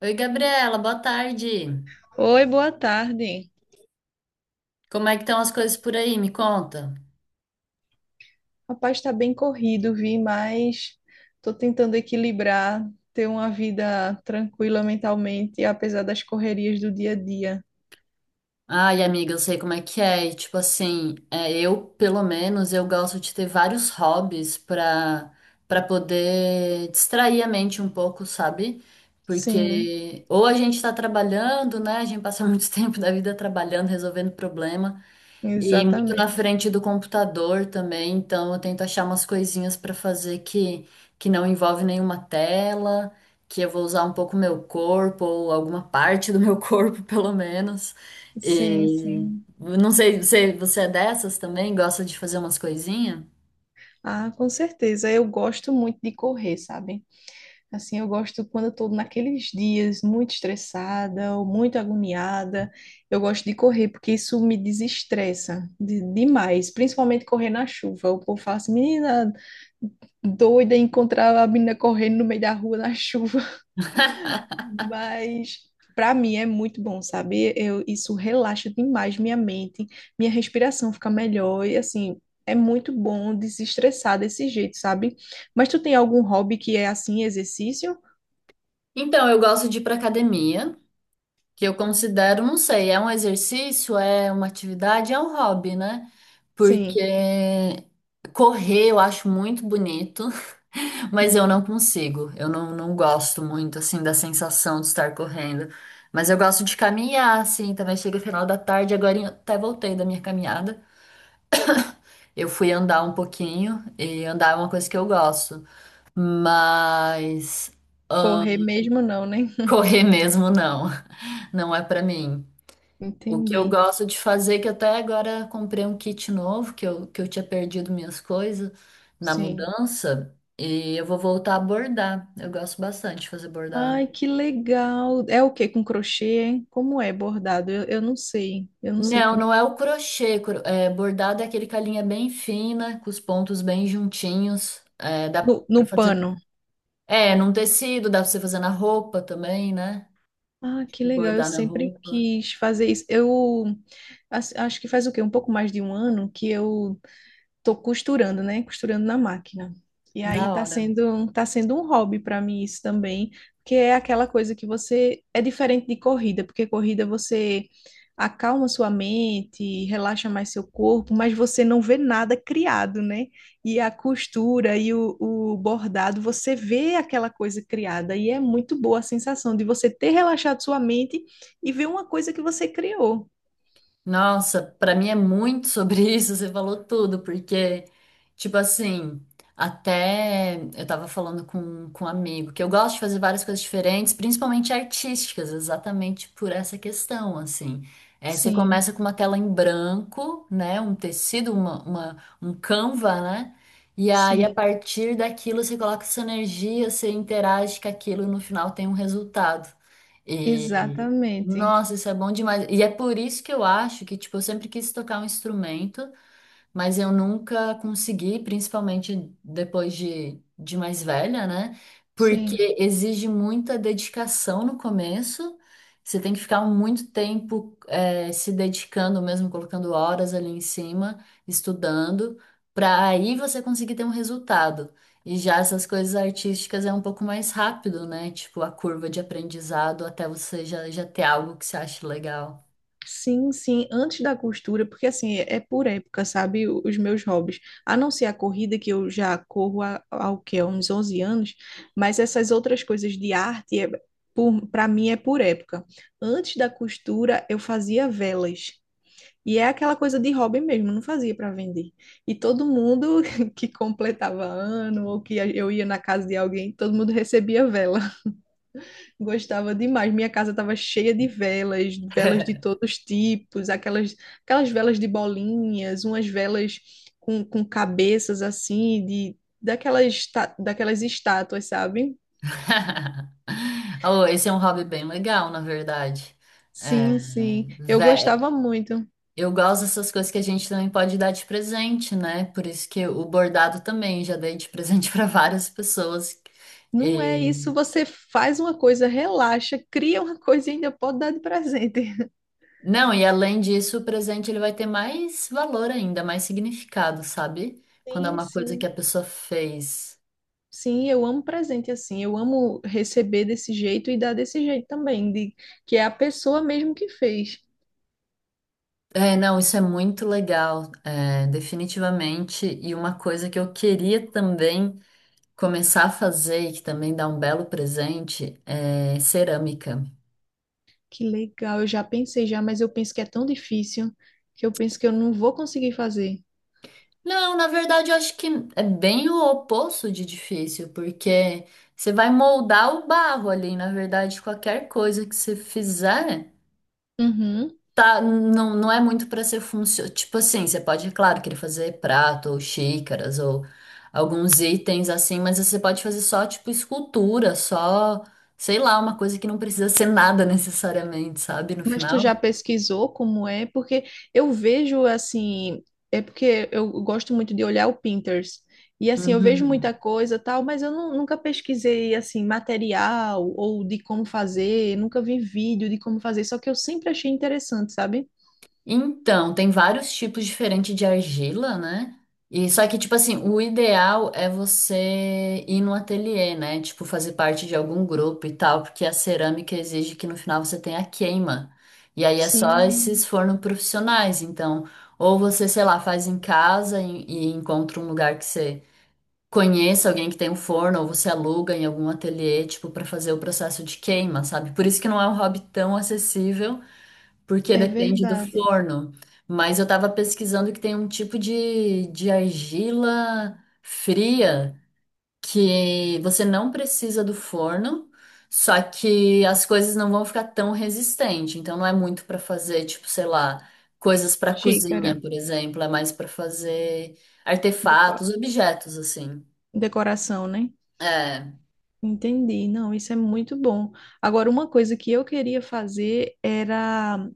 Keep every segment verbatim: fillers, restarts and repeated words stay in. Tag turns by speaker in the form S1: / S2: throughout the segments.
S1: Oi, Gabriela, boa tarde.
S2: Oi, boa tarde.
S1: Como é que estão as coisas por aí? Me conta.
S2: Rapaz, está bem corrido, vi, mas estou tentando equilibrar, ter uma vida tranquila mentalmente, apesar das correrias do dia a dia.
S1: Ai, amiga, eu sei como é que é. E, Tipo assim, é, eu, pelo menos, eu gosto de ter vários hobbies pra, pra poder distrair a mente um pouco, sabe?
S2: Sim,
S1: Porque ou a gente tá trabalhando, né? A gente passa muito tempo da vida trabalhando, resolvendo problema. E muito na
S2: exatamente.
S1: frente do computador também, então eu tento achar umas coisinhas para fazer que, que não envolve nenhuma tela, que eu vou usar um pouco meu corpo, ou alguma parte do meu corpo, pelo menos.
S2: Sim,
S1: E
S2: sim.
S1: não sei, você, você é dessas também? Gosta de fazer umas coisinhas?
S2: Ah, com certeza. Eu gosto muito de correr, sabe? Assim, eu gosto quando eu estou naqueles dias muito estressada ou muito agoniada, eu gosto de correr porque isso me desestressa de- demais, principalmente correr na chuva. O povo fala assim, menina doida encontrar a menina correndo no meio da rua na chuva. Mas para mim é muito bom, sabe? Eu, isso relaxa demais minha mente, minha respiração fica melhor e assim, é muito bom desestressar desse jeito, sabe? Mas tu tem algum hobby que é assim, exercício?
S1: Então, eu gosto de ir para academia, que eu considero, não sei, é um exercício, é uma atividade, é um hobby, né? Porque
S2: Sim.
S1: correr eu acho muito bonito. Mas
S2: Hum.
S1: eu não consigo. Eu não, não gosto muito, assim, da sensação de estar correndo. Mas eu gosto de caminhar, assim, também chega final da tarde. Agora eu até voltei da minha caminhada. Eu fui andar um pouquinho, e andar é uma coisa que eu gosto. Mas ah,
S2: Correr mesmo não, né?
S1: correr mesmo, não. Não é pra mim. O que eu
S2: Entendi.
S1: gosto de fazer, que até agora comprei um kit novo, que eu, que eu tinha perdido minhas coisas na
S2: Sim.
S1: mudança, e eu vou voltar a bordar. Eu gosto bastante de fazer bordado.
S2: Ai, que legal. É o que com crochê, hein? Como é bordado? Eu, eu não sei. Eu não sei
S1: Não,
S2: como.
S1: não é o crochê. Cro- é, bordado é aquele com a linha bem fina, com os pontos bem juntinhos. É, dá
S2: No, no
S1: pra fazer.
S2: pano.
S1: É, num tecido, dá pra você fazer na roupa também, né?
S2: Ah, que legal. Eu
S1: Bordar na
S2: sempre
S1: roupa.
S2: quis fazer isso. Eu as- acho que faz o quê? Um pouco mais de um ano que eu tô costurando, né? Costurando na máquina. E aí
S1: Da
S2: tá
S1: hora.
S2: sendo, tá sendo um hobby para mim isso também, porque é aquela coisa que você é diferente de corrida, porque corrida você acalma sua mente, relaxa mais seu corpo, mas você não vê nada criado, né? E a costura e o, o bordado, você vê aquela coisa criada e é muito boa a sensação de você ter relaxado sua mente e ver uma coisa que você criou.
S1: Nossa, pra mim é muito sobre isso, você falou tudo, porque, tipo assim, até eu tava falando com, com um amigo que eu gosto de fazer várias coisas diferentes, principalmente artísticas, exatamente por essa questão, assim. É, você
S2: Sim,
S1: começa com uma tela em branco, né? Um tecido, uma, uma- um canva, né? E aí, a
S2: sim,
S1: partir daquilo, você coloca sua energia, você interage com aquilo e no final tem um resultado.
S2: exatamente.
S1: Nossa, isso é bom demais. E é por isso que eu acho que, tipo, eu sempre quis tocar um instrumento mas eu nunca consegui, principalmente depois de, de mais velha, né?
S2: Sim.
S1: Porque exige muita dedicação no começo. Você tem que ficar muito tempo eh, se dedicando, mesmo colocando horas ali em cima, estudando, para aí você conseguir ter um resultado. E já essas coisas artísticas é um pouco mais rápido, né? Tipo, a curva de aprendizado até você já, já ter algo que você acha legal.
S2: Sim, sim, antes da costura, porque assim, é é por época, sabe, o- os meus hobbies. A não ser a corrida, que eu já corro há, há o quê? Há uns onze anos, mas essas outras coisas de arte, é, por, para mim, é por época. Antes da costura, eu fazia velas. E é aquela coisa de hobby mesmo, não fazia para vender. E todo mundo que completava ano, ou que eu ia na casa de alguém, todo mundo recebia vela. Gostava demais. Minha casa estava cheia de velas, velas de todos os tipos, aquelas, aquelas velas de bolinhas, umas velas com, com cabeças assim, de daquelas, esta- daquelas estátuas, sabe?
S1: Oh, esse é um hobby bem legal, na verdade. É,
S2: Sim, sim. Eu
S1: vé-
S2: gostava muito.
S1: eu gosto dessas coisas que a gente também pode dar de presente, né? Por isso que o bordado também já dei de presente para várias pessoas.
S2: Não é
S1: E-
S2: isso, você faz uma coisa, relaxa, cria uma coisa e ainda pode dar de presente.
S1: Não, e além disso, o presente ele vai ter mais valor ainda, mais significado, sabe? Quando é
S2: Sim,
S1: uma coisa que a
S2: sim.
S1: pessoa fez.
S2: Sim, eu amo presente assim. Eu amo receber desse jeito e dar desse jeito também, de que é a pessoa mesmo que fez.
S1: É, não, isso é muito legal, é, definitivamente. E uma coisa que eu queria também começar a fazer, e que também dá um belo presente, é cerâmica.
S2: Que legal, eu já pensei já, mas eu penso que é tão difícil que eu penso que eu não vou conseguir fazer.
S1: Não, na verdade, eu acho que é bem o oposto de difícil, porque você vai moldar o barro ali. Na verdade, qualquer coisa que você fizer,
S2: Uhum.
S1: tá, não, não é muito para ser funcional. Tipo assim, você pode, é claro, querer fazer prato ou xícaras ou alguns itens assim, mas você pode fazer só, tipo, escultura, só, sei lá, uma coisa que não precisa ser nada necessariamente, sabe? No
S2: Mas tu
S1: final.
S2: já pesquisou como é? Porque eu vejo assim, é porque eu gosto muito de olhar o Pinterest. E assim, eu vejo
S1: Uhum.
S2: muita coisa tal, mas eu nu- nunca pesquisei assim material ou de como fazer, nunca vi vídeo de como fazer, só que eu sempre achei interessante, sabe?
S1: Então, tem vários tipos diferentes de argila, né? E só que, tipo assim, o ideal é você ir no ateliê, né? Tipo, fazer parte de algum grupo e tal, porque a cerâmica exige que no final você tenha queima. E aí é só esses
S2: Sim,
S1: fornos profissionais. Então, ou você, sei lá, faz em casa e, e encontra um lugar que você conheça alguém que tem um forno, ou você aluga em algum ateliê, tipo, pra fazer o processo de queima, sabe? Por isso que não é um hobby tão acessível porque
S2: é
S1: depende do
S2: verdade.
S1: forno. Mas eu tava pesquisando que tem um tipo de, de argila fria que você não precisa do forno, só que as coisas não vão ficar tão resistentes. Então não é muito para fazer, tipo, sei lá, coisas para
S2: Xícara,
S1: cozinha, por exemplo, é mais para fazer
S2: deco-
S1: artefatos, objetos assim.
S2: decoração, né?
S1: É,
S2: Entendi. Não, isso é muito bom. Agora, uma coisa que eu queria fazer era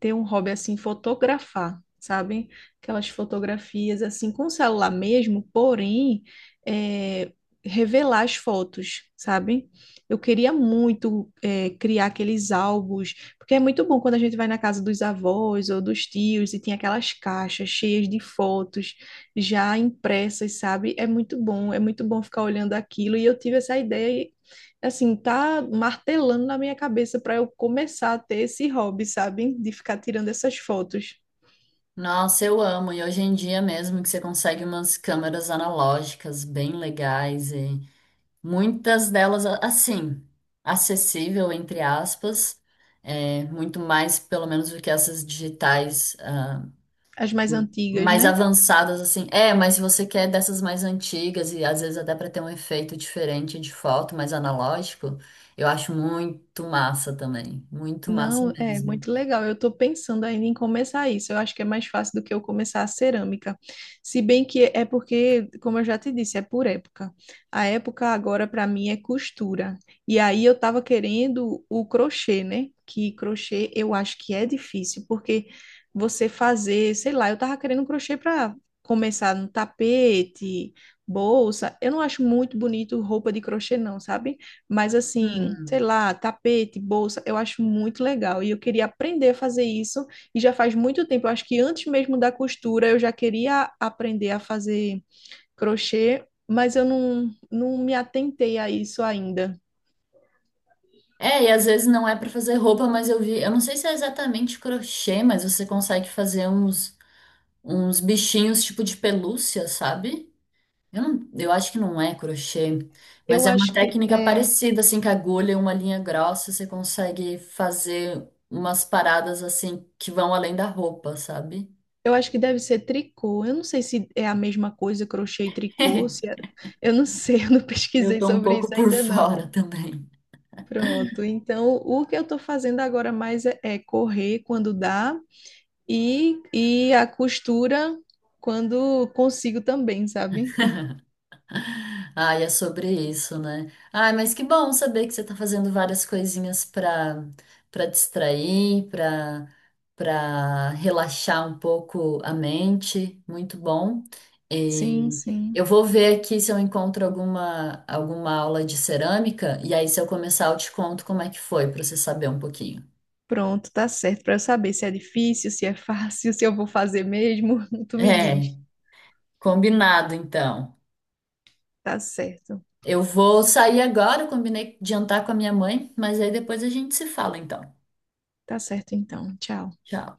S2: ter um hobby assim, fotografar, sabe? Aquelas fotografias assim com celular mesmo, porém, é, revelar as fotos, sabe? Eu queria muito é, criar aqueles álbuns, porque é muito bom quando a gente vai na casa dos avós ou dos tios e tem aquelas caixas cheias de fotos já impressas, sabe? É muito bom, é muito bom ficar olhando aquilo. E eu tive essa ideia e, assim, tá martelando na minha cabeça para eu começar a ter esse hobby, sabe? De ficar tirando essas fotos,
S1: nossa, eu amo. E hoje em dia mesmo que você consegue umas câmeras analógicas bem legais. Muitas delas, a- assim, acessível, entre aspas, é, muito mais, pelo menos, do que essas digitais, ah,
S2: as mais antigas,
S1: mais
S2: né?
S1: avançadas, assim. É, mas se você quer dessas mais antigas e às vezes até para ter um efeito diferente de foto, mais analógico, eu acho muito massa também. Muito massa
S2: Não, é
S1: mesmo.
S2: muito legal. Eu estou pensando ainda em começar isso. Eu acho que é mais fácil do que eu começar a cerâmica. Se bem que é porque, como eu já te disse, é por época. A época agora para mim é costura. E aí eu estava querendo o crochê, né? Que crochê eu acho que é difícil, porque você fazer, sei lá, eu estava querendo um crochê para começar no tapete, bolsa. Eu não acho muito bonito roupa de crochê, não, sabe? Mas assim, sei
S1: Hum.
S2: lá, tapete, bolsa, eu acho muito legal. E eu queria aprender a fazer isso. E já faz muito tempo, eu acho que antes mesmo da costura, eu já queria aprender a fazer crochê, mas eu não, não me atentei a isso ainda.
S1: É, e às vezes não é para fazer roupa, mas eu vi, eu não sei se é exatamente crochê, mas você consegue fazer uns, uns bichinhos tipo de pelúcia, sabe? Eu, não, eu acho que não é crochê, mas
S2: Eu
S1: é uma
S2: acho que
S1: técnica
S2: é,
S1: parecida, assim, com agulha e uma linha grossa, você consegue fazer umas paradas, assim, que vão além da roupa, sabe?
S2: eu acho que deve ser tricô. Eu não sei se é a mesma coisa, crochê e tricô, se é- eu não sei, eu não
S1: Eu
S2: pesquisei
S1: tô um
S2: sobre
S1: pouco
S2: isso
S1: por
S2: ainda não.
S1: fora também.
S2: Pronto, então o que eu estou fazendo agora mais é é correr quando dá E, e a costura quando consigo também, sabe?
S1: Ah, é sobre isso, né? Ai, mas que bom saber que você tá fazendo várias coisinhas para para distrair, para para relaxar um pouco a mente. Muito bom.
S2: Sim,
S1: E
S2: sim.
S1: eu vou ver aqui se eu encontro alguma alguma aula de cerâmica e aí se eu começar eu te conto como é que foi para você saber um pouquinho.
S2: Pronto, tá certo. Para eu saber se é difícil, se é fácil, se eu vou fazer mesmo, tu me diz.
S1: É, combinado então.
S2: Tá certo.
S1: Eu vou sair agora, eu combinei de jantar com a minha mãe, mas aí depois a gente se fala então.
S2: Tá certo então. Tchau.
S1: Tchau.